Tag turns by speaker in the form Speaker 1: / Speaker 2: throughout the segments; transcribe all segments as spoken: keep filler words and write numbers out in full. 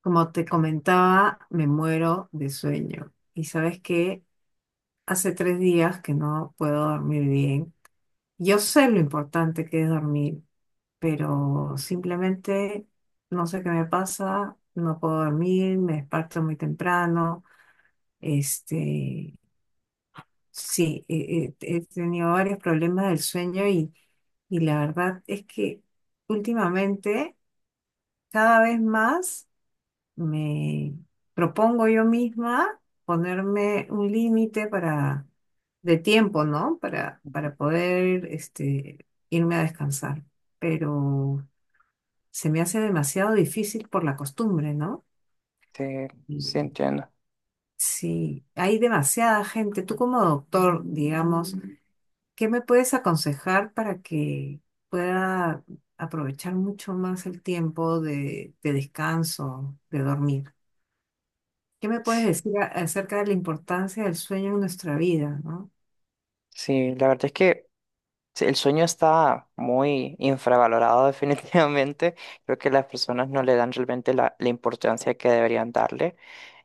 Speaker 1: Como te comentaba, me muero de sueño. Y sabes que hace tres días que no puedo dormir bien. Yo sé lo importante que es dormir, pero simplemente no sé qué me pasa, no puedo dormir, me despierto muy temprano. Este, sí, he, he- he tenido varios problemas del sueño y, y la verdad es que últimamente cada vez más. Me propongo yo misma ponerme un límite para de tiempo, ¿no? Para, para poder este, irme a descansar. Pero se me hace demasiado difícil por la costumbre, ¿no?
Speaker 2: Sí, sí
Speaker 1: Y
Speaker 2: entiendo.
Speaker 1: sí, hay demasiada gente. Tú como doctor, digamos, ¿qué me puedes aconsejar para que pueda aprovechar mucho más el tiempo de, de descanso, de dormir? ¿Qué me puedes
Speaker 2: Sí,
Speaker 1: decir a- acerca de la importancia del sueño en nuestra vida, ¿no?
Speaker 2: sí, la verdad es que sí, el sueño está muy infravalorado definitivamente. Creo que las personas no le dan realmente la, la importancia que deberían darle.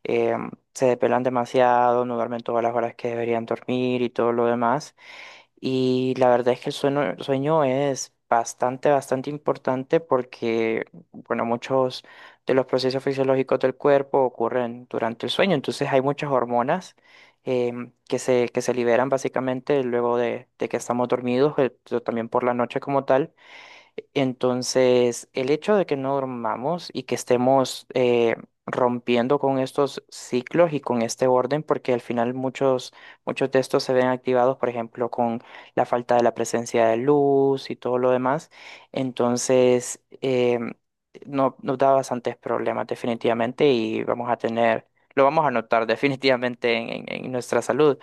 Speaker 2: Em, se depelan demasiado, no duermen todas las horas que deberían dormir y todo lo demás. Y la verdad es que el sueño, el sueño es bastante, bastante importante porque, bueno, muchos de los procesos fisiológicos del cuerpo ocurren durante el sueño. Entonces hay muchas hormonas em, que se, que se liberan básicamente luego de, de que estamos dormidos, eh, pero también por la noche como tal. Entonces, el hecho de que no dormamos y que estemos eh, rompiendo con estos ciclos y con este orden, porque al final muchos, muchos de estos se ven activados, por ejemplo, con la falta de la presencia de luz y todo lo demás, entonces eh, no, nos da bastantes problemas definitivamente y vamos a tener, lo vamos a notar definitivamente en en- en nuestra salud.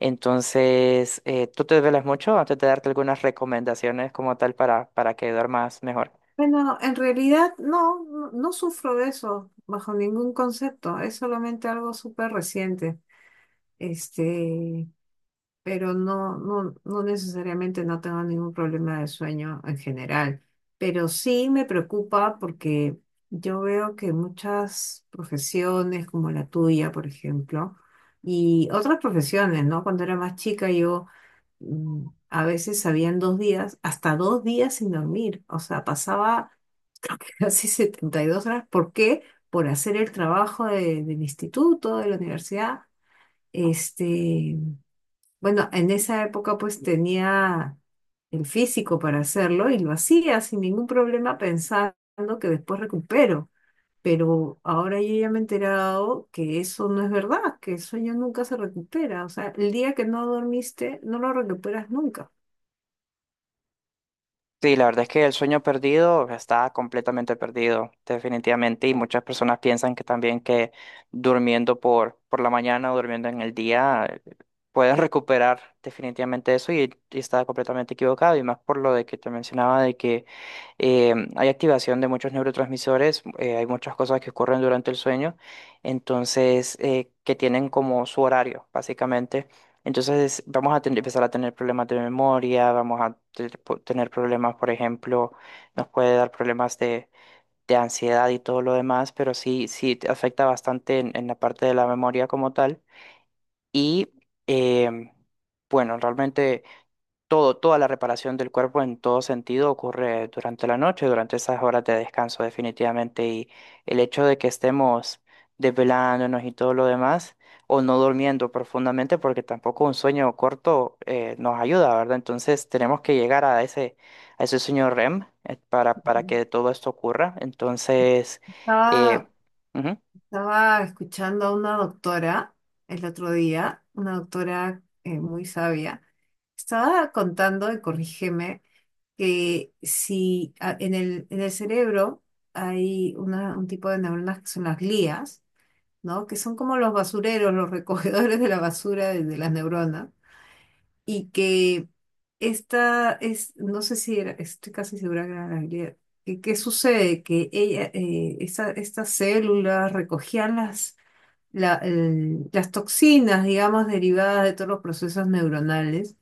Speaker 2: Entonces, eh, ¿tú te duermes mucho? Antes de darte algunas recomendaciones como tal para, para que duermas mejor.
Speaker 1: Bueno, en realidad no, no, no sufro de eso bajo ningún concepto, es solamente algo súper reciente, este, pero no, no, no necesariamente no tengo ningún problema de sueño en general, pero sí me preocupa porque yo veo que muchas profesiones como la tuya, por ejemplo, y otras profesiones, ¿no? Cuando era más chica yo mm, a veces habían dos días, hasta dos días sin dormir. O sea, pasaba casi setenta y dos horas. ¿Por qué? Por hacer el trabajo de- del instituto, de la universidad. Este, bueno, en esa época pues tenía el físico para hacerlo y lo hacía sin ningún problema pensando que después recupero. Pero ahora yo ya me he enterado que eso no es verdad, que el sueño nunca se recupera. O sea, el día que no dormiste, no lo recuperas nunca.
Speaker 2: Sí, la verdad es que el sueño perdido está completamente perdido, definitivamente, y muchas personas piensan que también que durmiendo por, por la mañana o durmiendo en el día eh, pueden recuperar definitivamente eso y, y está completamente equivocado, y más por lo de que te mencionaba de que eh, hay activación de muchos neurotransmisores, eh, hay muchas cosas que ocurren durante el sueño, entonces eh, que tienen como su horario, básicamente. Entonces vamos a tener- empezar a tener problemas de memoria, vamos a te- po- tener problemas, por ejemplo, nos puede dar problemas de, de ansiedad y todo lo demás, pero sí, sí te afecta bastante en, en la parte de la memoria como tal. Y em, bueno, realmente todo, toda la reparación del cuerpo en todo sentido ocurre durante la noche, durante esas horas de descanso definitivamente. Y el hecho de que estemos desvelándonos y todo lo demás, o no durmiendo profundamente, porque tampoco un sueño corto eh, nos ayuda, ¿verdad? Entonces tenemos que llegar a ese, a ese sueño R E M eh, para, para que todo esto ocurra. Entonces, eh,
Speaker 1: Estaba,
Speaker 2: ujú.
Speaker 1: estaba escuchando a una doctora el otro día, una doctora eh, muy sabia. Estaba contando, y corrígeme, que si a- en el, en el cerebro hay una- un tipo de neuronas que son las glías, ¿no? Que son como los basureros, los recogedores de la basura de, de las neuronas y que esta es, no sé si era, estoy casi segura que era Gabriela. ¿Qué, qué sucede? Que ella, eh, esa- estas células recogían las, la- el- las toxinas, digamos, derivadas de todos los procesos neuronales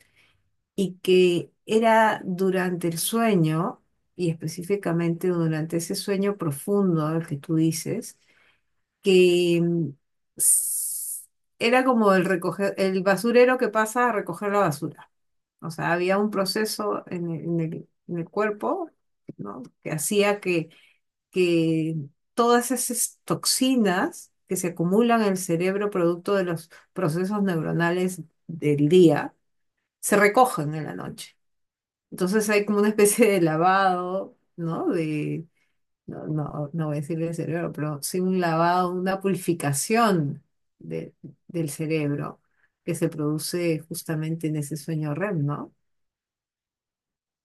Speaker 1: y que era durante el sueño, y específicamente durante ese sueño profundo al que tú dices, que mm, s- era como el recoger, el basurero que pasa a recoger la basura. O sea, había un proceso en el, en el- en el cuerpo, ¿no? Que hacía que, que, todas esas toxinas que se acumulan en el cerebro producto de los procesos neuronales del día se recogen en la noche. Entonces hay como una especie de lavado, ¿no? De, no, no, no voy a decir del cerebro, pero sí un lavado, una purificación de- del cerebro que se produce justamente en ese sueño REM, ¿no?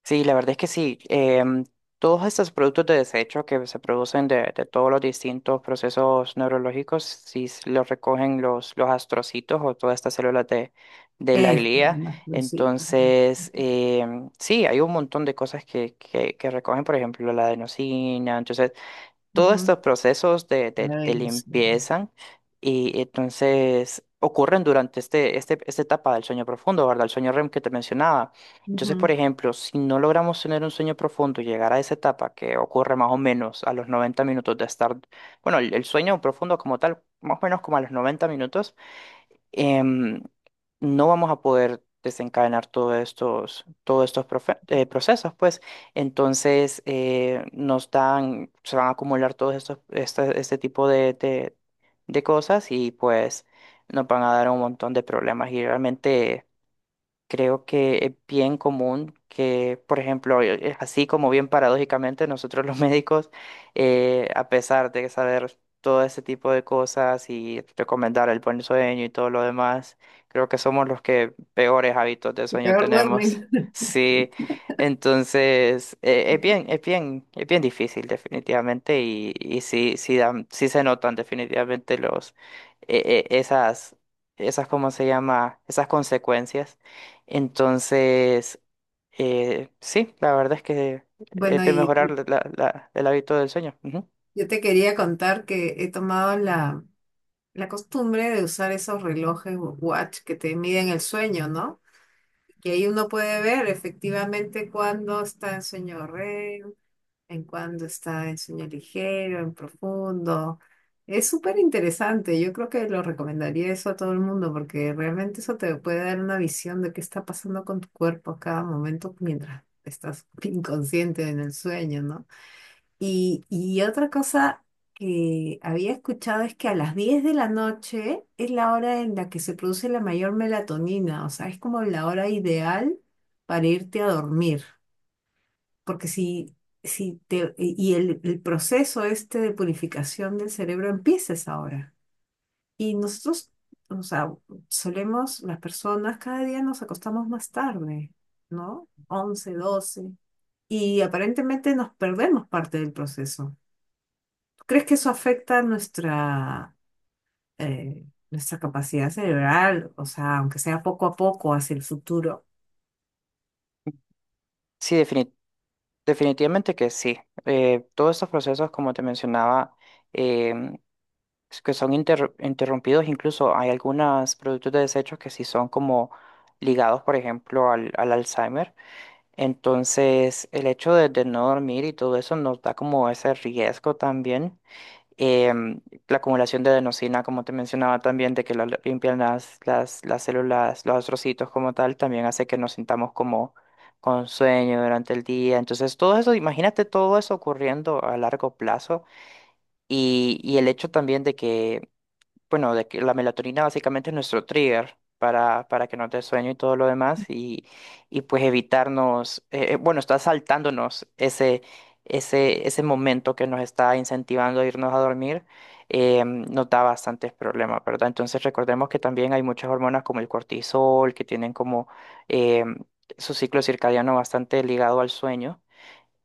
Speaker 2: Sí, la verdad es que sí. Em, todos estos productos de desecho que se producen de, de todos los distintos procesos neurológicos, si s- los recogen los, los astrocitos o todas estas células de, de la
Speaker 1: Es
Speaker 2: glía,
Speaker 1: más cositas, ¿no?
Speaker 2: entonces em, sí, hay un montón de cosas que, que, que recogen, por ejemplo, la adenosina. Entonces, todos
Speaker 1: Ujú.
Speaker 2: estos procesos de, de, de
Speaker 1: Ay, no sé.
Speaker 2: limpieza y entonces ocurren durante este, este, esta etapa del sueño profundo, ¿verdad? El sueño R E M que te mencionaba. Entonces, por
Speaker 1: Ujú.
Speaker 2: ejemplo, si no logramos tener un sueño profundo y llegar a esa etapa que ocurre más o menos a los noventa minutos de estar, bueno, el, el sueño profundo como tal, más o menos como a los noventa minutos, em, no vamos a poder desencadenar todos estos, todos estos profe- eh, procesos, pues entonces eh, nos dan, se van a acumular todos estos, este, este tipo de, de, de cosas y pues nos van a dar un montón de problemas y realmente creo que es bien común que, por ejemplo, eh, eh, así como bien paradójicamente, nosotros los médicos, eh, a pesar de saber todo ese tipo de cosas y recomendar el buen sueño y todo lo demás, creo que somos los que peores hábitos de
Speaker 1: Que
Speaker 2: sueño
Speaker 1: peor duermen.
Speaker 2: tenemos. Sí, entonces eh, es bien, es bien, es bien difícil definitivamente y, y sí, sí, dan- sí se notan definitivamente los, eh, eh, esas, esas, ¿cómo se llama? Esas consecuencias. Entonces, eh, sí, la verdad es que es
Speaker 1: Bueno,
Speaker 2: de
Speaker 1: y,
Speaker 2: mejorar
Speaker 1: y
Speaker 2: la- la- la- el hábito del sueño. Ujú.
Speaker 1: yo te quería contar que he tomado la, la costumbre de usar esos relojes wa- watch que te miden el sueño, ¿no? Que ahí uno puede ver efectivamente cuándo está en sueño REM, en cuando está en sueño ligero, en profundo. Es súper interesante, yo creo que lo recomendaría eso a todo el mundo porque realmente eso te puede dar una visión de qué está pasando con tu cuerpo a cada momento mientras estás inconsciente en el sueño, ¿no? Y, y otra cosa que había escuchado es que a las diez de la noche es la hora en la que se produce la mayor melatonina, o sea, es como la hora ideal para irte a dormir. Porque si, si te, y el, el proceso este de purificación del cerebro empieza es ahora. Y nosotros, o sea, solemos, las personas, cada día nos acostamos más tarde, ¿no? Once, doce. Y aparentemente nos perdemos parte del proceso. ¿Tú crees que eso afecta nuestra, eh, nuestra capacidad cerebral? O sea, aunque sea poco a poco hacia el futuro.
Speaker 2: Sí, defini- definitivamente que sí. Eh, todos estos procesos, como te mencionaba, em, es que son inter- interrumpidos, incluso hay algunos productos de desechos que sí son como ligados, por ejemplo, al, al Alzheimer. Entonces, el hecho de, de no dormir y todo eso nos da como ese riesgo también, em, la acumulación de adenosina, como te mencionaba también, de que la limpian las, las, las células, los astrocitos como tal, también hace que nos sintamos como con sueño durante el día. Entonces, todo eso, imagínate todo eso ocurriendo a largo plazo y, y el hecho también de que bueno, de que la melatonina básicamente es nuestro trigger para, para que nos dé sueño y todo lo demás y, y pues evitarnos, eh, eh, bueno, está saltándonos ese, ese, ese momento que nos está incentivando a irnos a dormir, eh, nos da bastantes problemas, ¿verdad? Entonces recordemos que también hay muchas hormonas como el cortisol que tienen como eh, su ciclo circadiano bastante ligado al sueño.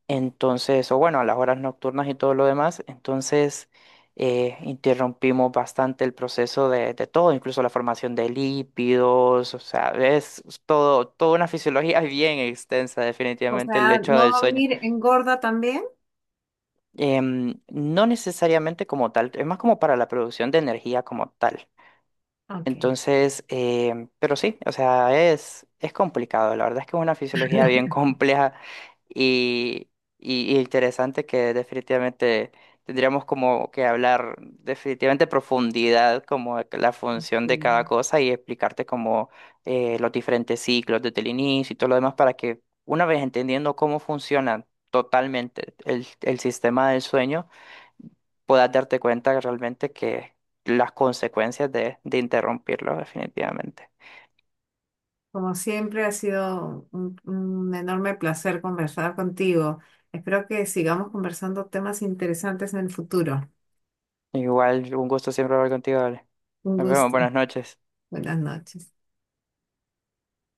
Speaker 2: Entonces, o bueno, a las horas nocturnas y todo lo demás, entonces eh, interrumpimos bastante el proceso de, de todo, incluso la formación de lípidos, o sea, es todo, toda una fisiología bien extensa,
Speaker 1: O
Speaker 2: definitivamente, el
Speaker 1: sea,
Speaker 2: hecho
Speaker 1: ¿no
Speaker 2: del sueño.
Speaker 1: dormir engorda también?
Speaker 2: Em, no necesariamente como tal, es más como para la producción de energía como tal.
Speaker 1: Ok.
Speaker 2: Entonces, em, pero sí, o sea, es, es complicado. La verdad es que es una fisiología bien compleja y, y- y interesante que definitivamente tendríamos como que hablar definitivamente profundidad, como de la función de cada
Speaker 1: Mm.
Speaker 2: cosa y explicarte como eh, los diferentes ciclos desde el inicio y todo lo demás para que una vez entendiendo cómo funciona totalmente el el sistema del sueño, puedas darte cuenta realmente que las consecuencias de, de interrumpirlo definitivamente.
Speaker 1: Como siempre, ha sido un, un enorme placer conversar contigo. Espero que sigamos conversando temas interesantes en el futuro.
Speaker 2: Igual, un gusto siempre hablar contigo, Ale.
Speaker 1: Un
Speaker 2: Nos vemos,
Speaker 1: gusto.
Speaker 2: buenas noches.
Speaker 1: Buenas noches.